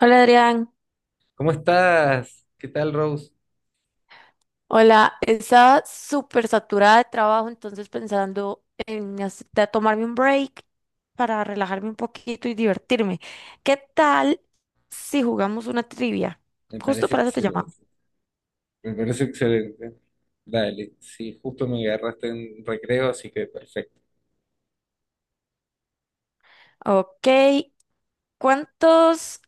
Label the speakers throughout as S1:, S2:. S1: Hola Adrián.
S2: ¿Cómo estás? ¿Qué tal, Rose?
S1: Hola, estaba súper saturada de trabajo, entonces pensando en de tomarme un break para relajarme un poquito y divertirme. ¿Qué tal si jugamos una trivia?
S2: Me
S1: Justo
S2: parece
S1: para eso te
S2: excelente.
S1: llamaba.
S2: Me parece excelente. Dale, sí, justo me agarraste en recreo, así que perfecto.
S1: Ok, ¿cuántos,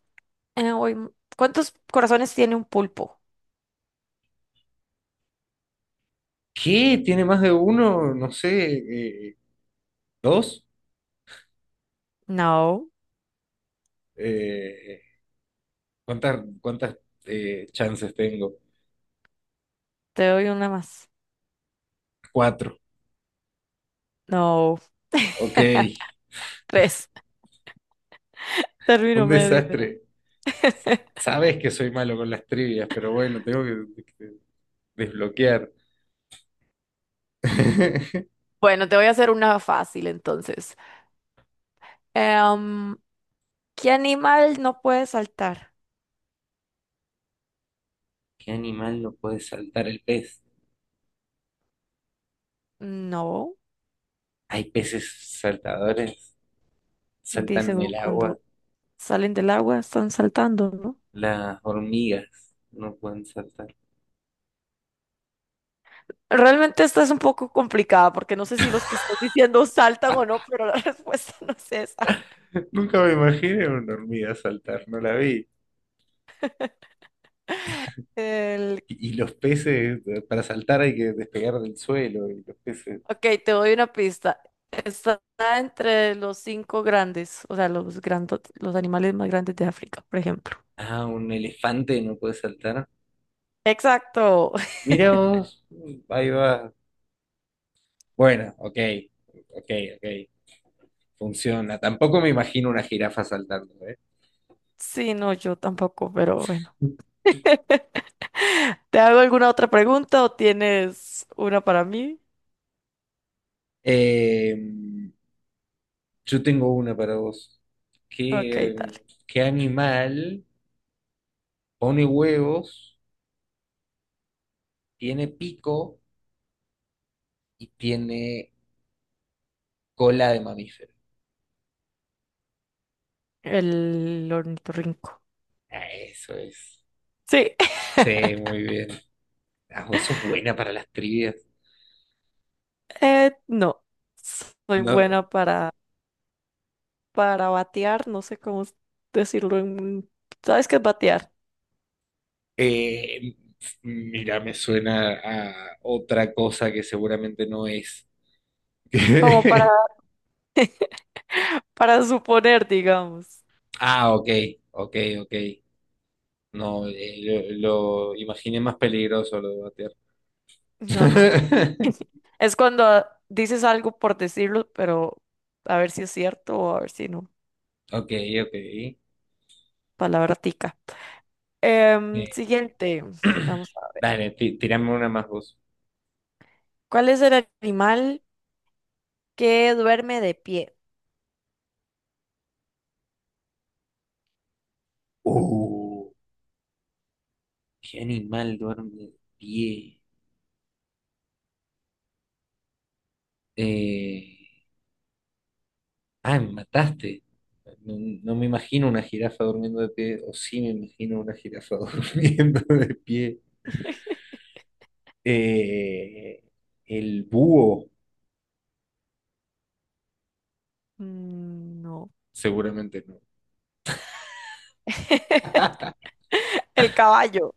S1: eh, uy, m- cuántos corazones tiene un pulpo?
S2: ¿Qué? ¿Tiene más de uno? No sé, eh, ¿dos?
S1: No,
S2: Eh, ¿Cuántas chances tengo?
S1: te doy una más.
S2: Cuatro.
S1: No,
S2: Ok,
S1: tres.
S2: un
S1: Término medio era.
S2: desastre. Sabes que soy malo con las trivias, pero bueno, tengo que desbloquear.
S1: Bueno, te voy a hacer una fácil entonces. Em, ¿Qué animal no puede saltar?
S2: ¿Qué animal no puede saltar? ¿El pez?
S1: No,
S2: ¿Hay peces saltadores? Saltan
S1: dice
S2: en el
S1: Gru
S2: agua.
S1: cuando salen del agua están saltando, ¿no?
S2: Las hormigas no pueden saltar.
S1: Realmente esta es un poco complicada porque no sé si los que están diciendo saltan o no, pero la respuesta no es esa.
S2: Nunca me imaginé una hormiga saltar, no la vi.
S1: El...
S2: Y los peces, para saltar hay que despegar del suelo, y los peces.
S1: Ok, te doy una pista. Está entre los cinco grandes, o sea, los grandos, los animales más grandes de África, por ejemplo.
S2: Ah, un elefante no puede saltar.
S1: Exacto.
S2: Mira vos, ahí va. Bueno, ok, ok, ok. Funciona. Tampoco me imagino una jirafa saltando, ¿eh?
S1: Sí, no, yo tampoco, pero bueno. ¿Te hago alguna otra pregunta o tienes una para mí?
S2: Eh, yo tengo una para vos.
S1: Ok,
S2: ¿Qué,
S1: dale.
S2: qué animal pone huevos? Tiene pico y tiene cola de mamífero.
S1: El ornitorrinco.
S2: Ah, eso es.
S1: Sí,
S2: Sí, muy bien. Ah, vos sos buena para las trivias.
S1: no. Soy
S2: No,
S1: buena para batear, no sé cómo decirlo ¿Sabes qué es batear?
S2: eh, mira, me suena a otra cosa que seguramente no es.
S1: Como para, para suponer, digamos.
S2: Ah, ok, ok, ok. No, lo imaginé más peligroso lo de batear.
S1: No, no. Es cuando dices algo por decirlo, pero a ver si es cierto o a ver si no.
S2: Ok, ok.
S1: Palabra tica.
S2: Eh,
S1: Siguiente. Vamos a ver.
S2: Dale, tirame una más vos.
S1: ¿Cuál es el animal que duerme de pie?
S2: Uh, ¿Qué animal duerme de pie? Eh, ah, me mataste. No, no me imagino una jirafa durmiendo de pie, o sí me imagino una jirafa durmiendo de pie. Eh, el búho,
S1: Mm, no.
S2: seguramente no.
S1: El caballo.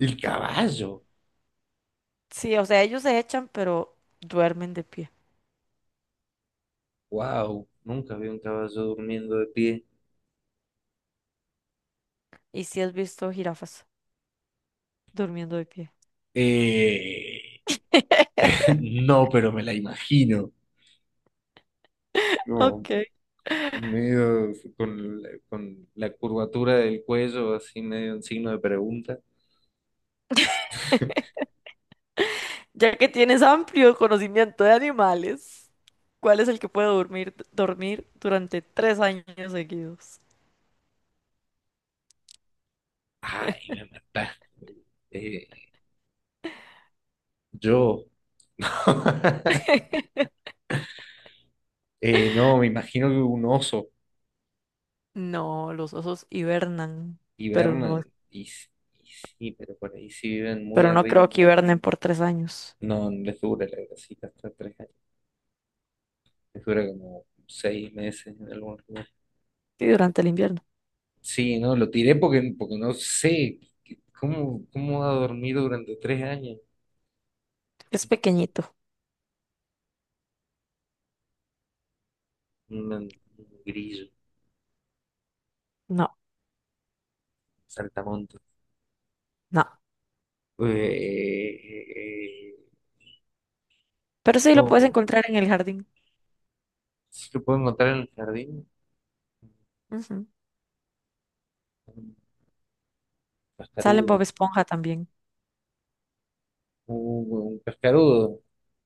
S2: El caballo,
S1: Sí, o sea, ellos se echan, pero duermen de pie.
S2: wow, nunca vi un caballo durmiendo de pie.
S1: Y si has visto jirafas durmiendo de pie.
S2: Eh, no, pero me la imagino. Como
S1: Ok.
S2: medio con, con la curvatura del cuello, así medio en signo de pregunta.
S1: Ya que tienes amplio conocimiento de animales, ¿cuál es el que puede dormir durante 3 años seguidos?
S2: Ay, me mataste. Eh, yo, no, me imagino que un oso
S1: No, los osos hibernan, pero no,
S2: hibernan y, s- y sí, pero por ahí si viven muy
S1: pero no
S2: arriba,
S1: creo que hibernen por 3 años.
S2: no les dura la grasita hasta 3 años, les dura como 6 meses en algún lugar.
S1: Sí, durante el invierno.
S2: Sí, no, lo tiré porque, porque no sé cómo, cómo va a dormir durante 3 años
S1: Es pequeñito.
S2: un grillo,
S1: No.
S2: saltamontes.
S1: No,
S2: Eh, eh, eh, eh,
S1: pero sí lo puedes
S2: no,
S1: encontrar en el jardín.
S2: ¿sí lo puedo encontrar en el jardín?
S1: Ujú. Sale en Bob
S2: Cascarudo.
S1: Esponja también,
S2: Un cascarudo.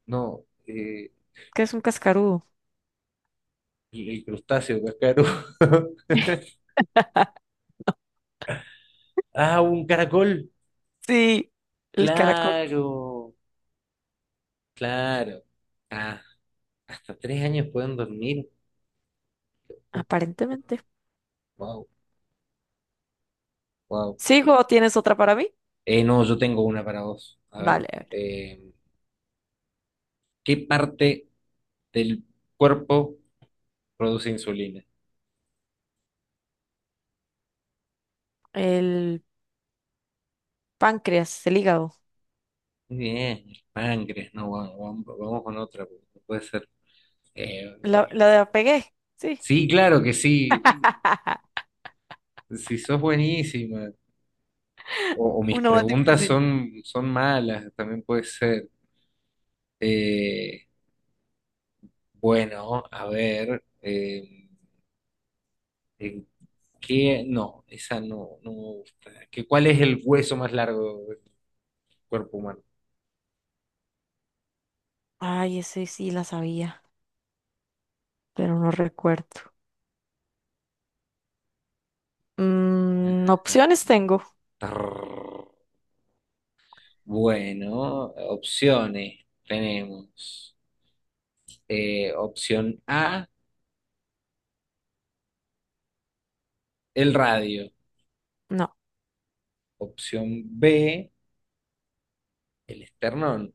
S2: No.
S1: que es un cascarudo.
S2: El crustáceo cascarudo. Ah, un caracol.
S1: Sí, el caracol,
S2: Claro. Claro. Ah, hasta tres años pueden dormir.
S1: aparentemente.
S2: Wow, wow.
S1: ¿Sigo o tienes otra para mí?
S2: No, yo tengo una para vos. A ver.
S1: Vale, a ver.
S2: eh, ¿Qué parte del cuerpo produce insulina?
S1: El páncreas, el hígado.
S2: Muy bien, el páncreas. No, vamos, vamos con otra. Porque no puede ser. Bueno,
S1: La de la pegué, sí.
S2: sí, claro que sí. Si sos buenísima, o mis
S1: Uno más
S2: preguntas
S1: difícil.
S2: son, son malas, también puede ser. Eh, bueno, a ver, eh, eh, ¿Qué? No, esa no, no me gusta. ¿Cuál es el hueso más largo del cuerpo humano?
S1: Ay, ese sí la sabía, pero no recuerdo. Mm, opciones tengo.
S2: Tarrr. Bueno, opciones tenemos. Opción A, el radio.
S1: No,
S2: Opción B, el esternón.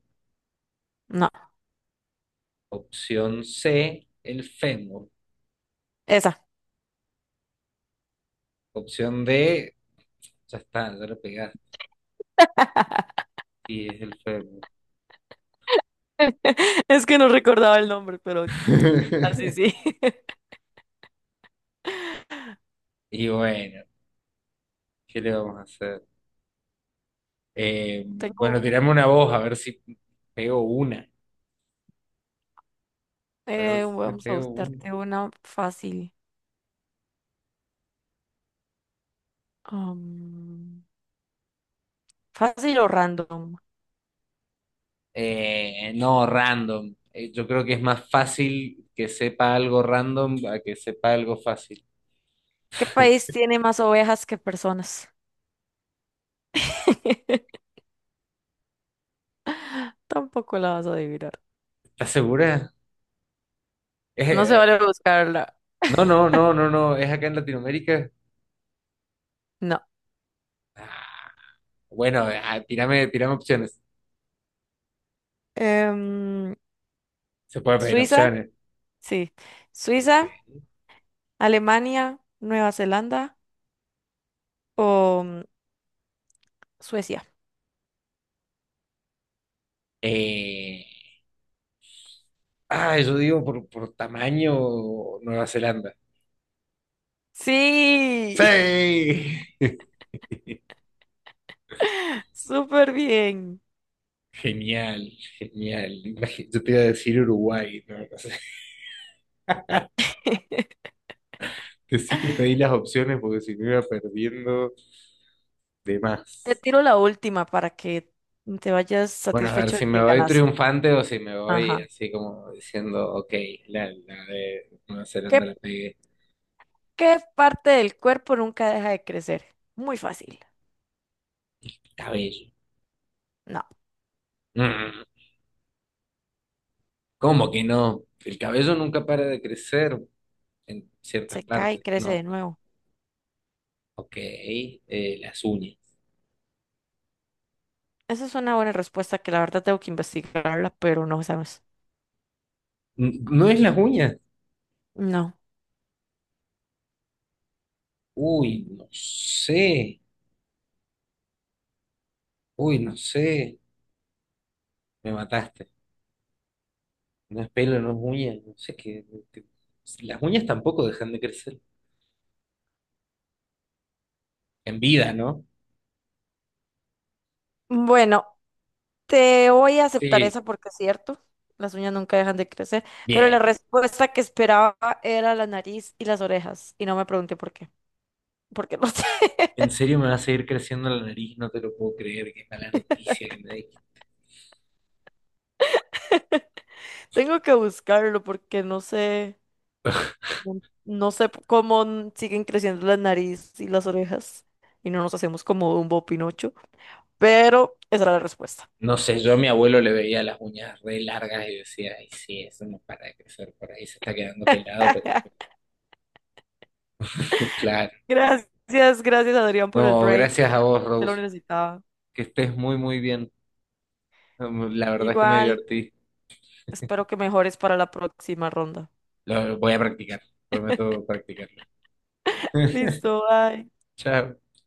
S1: no,
S2: Opción C, el fémur.
S1: esa.
S2: Opción D, ya está, ya le pegaste. Y es el fémur.
S1: Es que no recordaba el nombre, pero así sí.
S2: Y bueno, ¿qué le vamos a hacer? Bueno,
S1: Tengo.
S2: tirame una voz, a ver si pego una. A ver si
S1: Vamos a
S2: pego una.
S1: buscarte una fácil. Am, Fácil o random.
S2: No, random. Yo creo que es más fácil que sepa algo random a que sepa algo fácil.
S1: ¿Qué país tiene más ovejas que personas? Tampoco la vas a adivinar.
S2: ¿Estás segura?
S1: No se
S2: Eh,
S1: vale buscarla.
S2: no, no, no, no, no. ¿Es acá en Latinoamérica?
S1: No.
S2: Ah, bueno, ah, tírame, tírame opciones.
S1: Em,
S2: Se puede pedir
S1: Suiza,
S2: opciones.
S1: sí. Suiza,
S2: Ok.
S1: Alemania, Nueva Zelanda o Suecia.
S2: Eh, ah, yo digo por tamaño Nueva Zelanda.
S1: Sí,
S2: Sí.
S1: súper bien.
S2: Genial, genial. Yo te iba a decir Uruguay, no, no sé. Sí que pedí las opciones porque si me iba perdiendo de
S1: Te
S2: más.
S1: tiro la última para que te vayas
S2: Bueno, a ver
S1: satisfecho de
S2: si
S1: que
S2: me voy
S1: ganaste.
S2: triunfante o si me voy
S1: Ajá.
S2: así como diciendo, ok, la de Nueva
S1: ¿Qué
S2: Zelanda la pegué.
S1: ¿Qué parte del cuerpo nunca deja de crecer? Muy fácil.
S2: Cabello.
S1: No,
S2: Mm, ¿cómo que no? El cabello nunca para de crecer en ciertas
S1: se cae y
S2: partes.
S1: crece
S2: No.
S1: de nuevo.
S2: Ok, las uñas.
S1: Esa es una buena respuesta que la verdad tengo que investigarla, pero no sabes.
S2: ¿No es las uñas?
S1: No.
S2: Uy, no sé. Uy, no sé. Me mataste. No es pelo, no es uña. No sé qué. qué- Las uñas tampoco dejan de crecer. En vida, ¿no?
S1: Bueno, te voy a aceptar
S2: Sí.
S1: esa porque es cierto. Las uñas nunca dejan de crecer, pero la
S2: Bien.
S1: respuesta que esperaba era la nariz y las orejas, y no me pregunté por qué, porque no sé.
S2: ¿En serio me va a seguir creciendo la nariz? No te lo puedo creer. Qué mala noticia que me diste.
S1: Tengo que buscarlo porque no sé. No, no sé cómo siguen creciendo la nariz y las orejas y no nos hacemos como Dumbo o Pinocho, pero esa era la respuesta.
S2: No sé, yo a mi abuelo le veía las uñas re largas y decía, ay, sí, eso no para de crecer por ahí. Se está quedando pelado, pero claro.
S1: Gracias, gracias Adrián por el
S2: No,
S1: break.
S2: gracias a vos,
S1: Te lo
S2: Rose.
S1: necesitaba.
S2: Que estés muy, muy bien. La verdad es que me
S1: Igual,
S2: divertí.
S1: espero que mejores para la próxima ronda.
S2: Lo voy a practicar, prometo practicarlo.
S1: Listo, bye.
S2: Chao.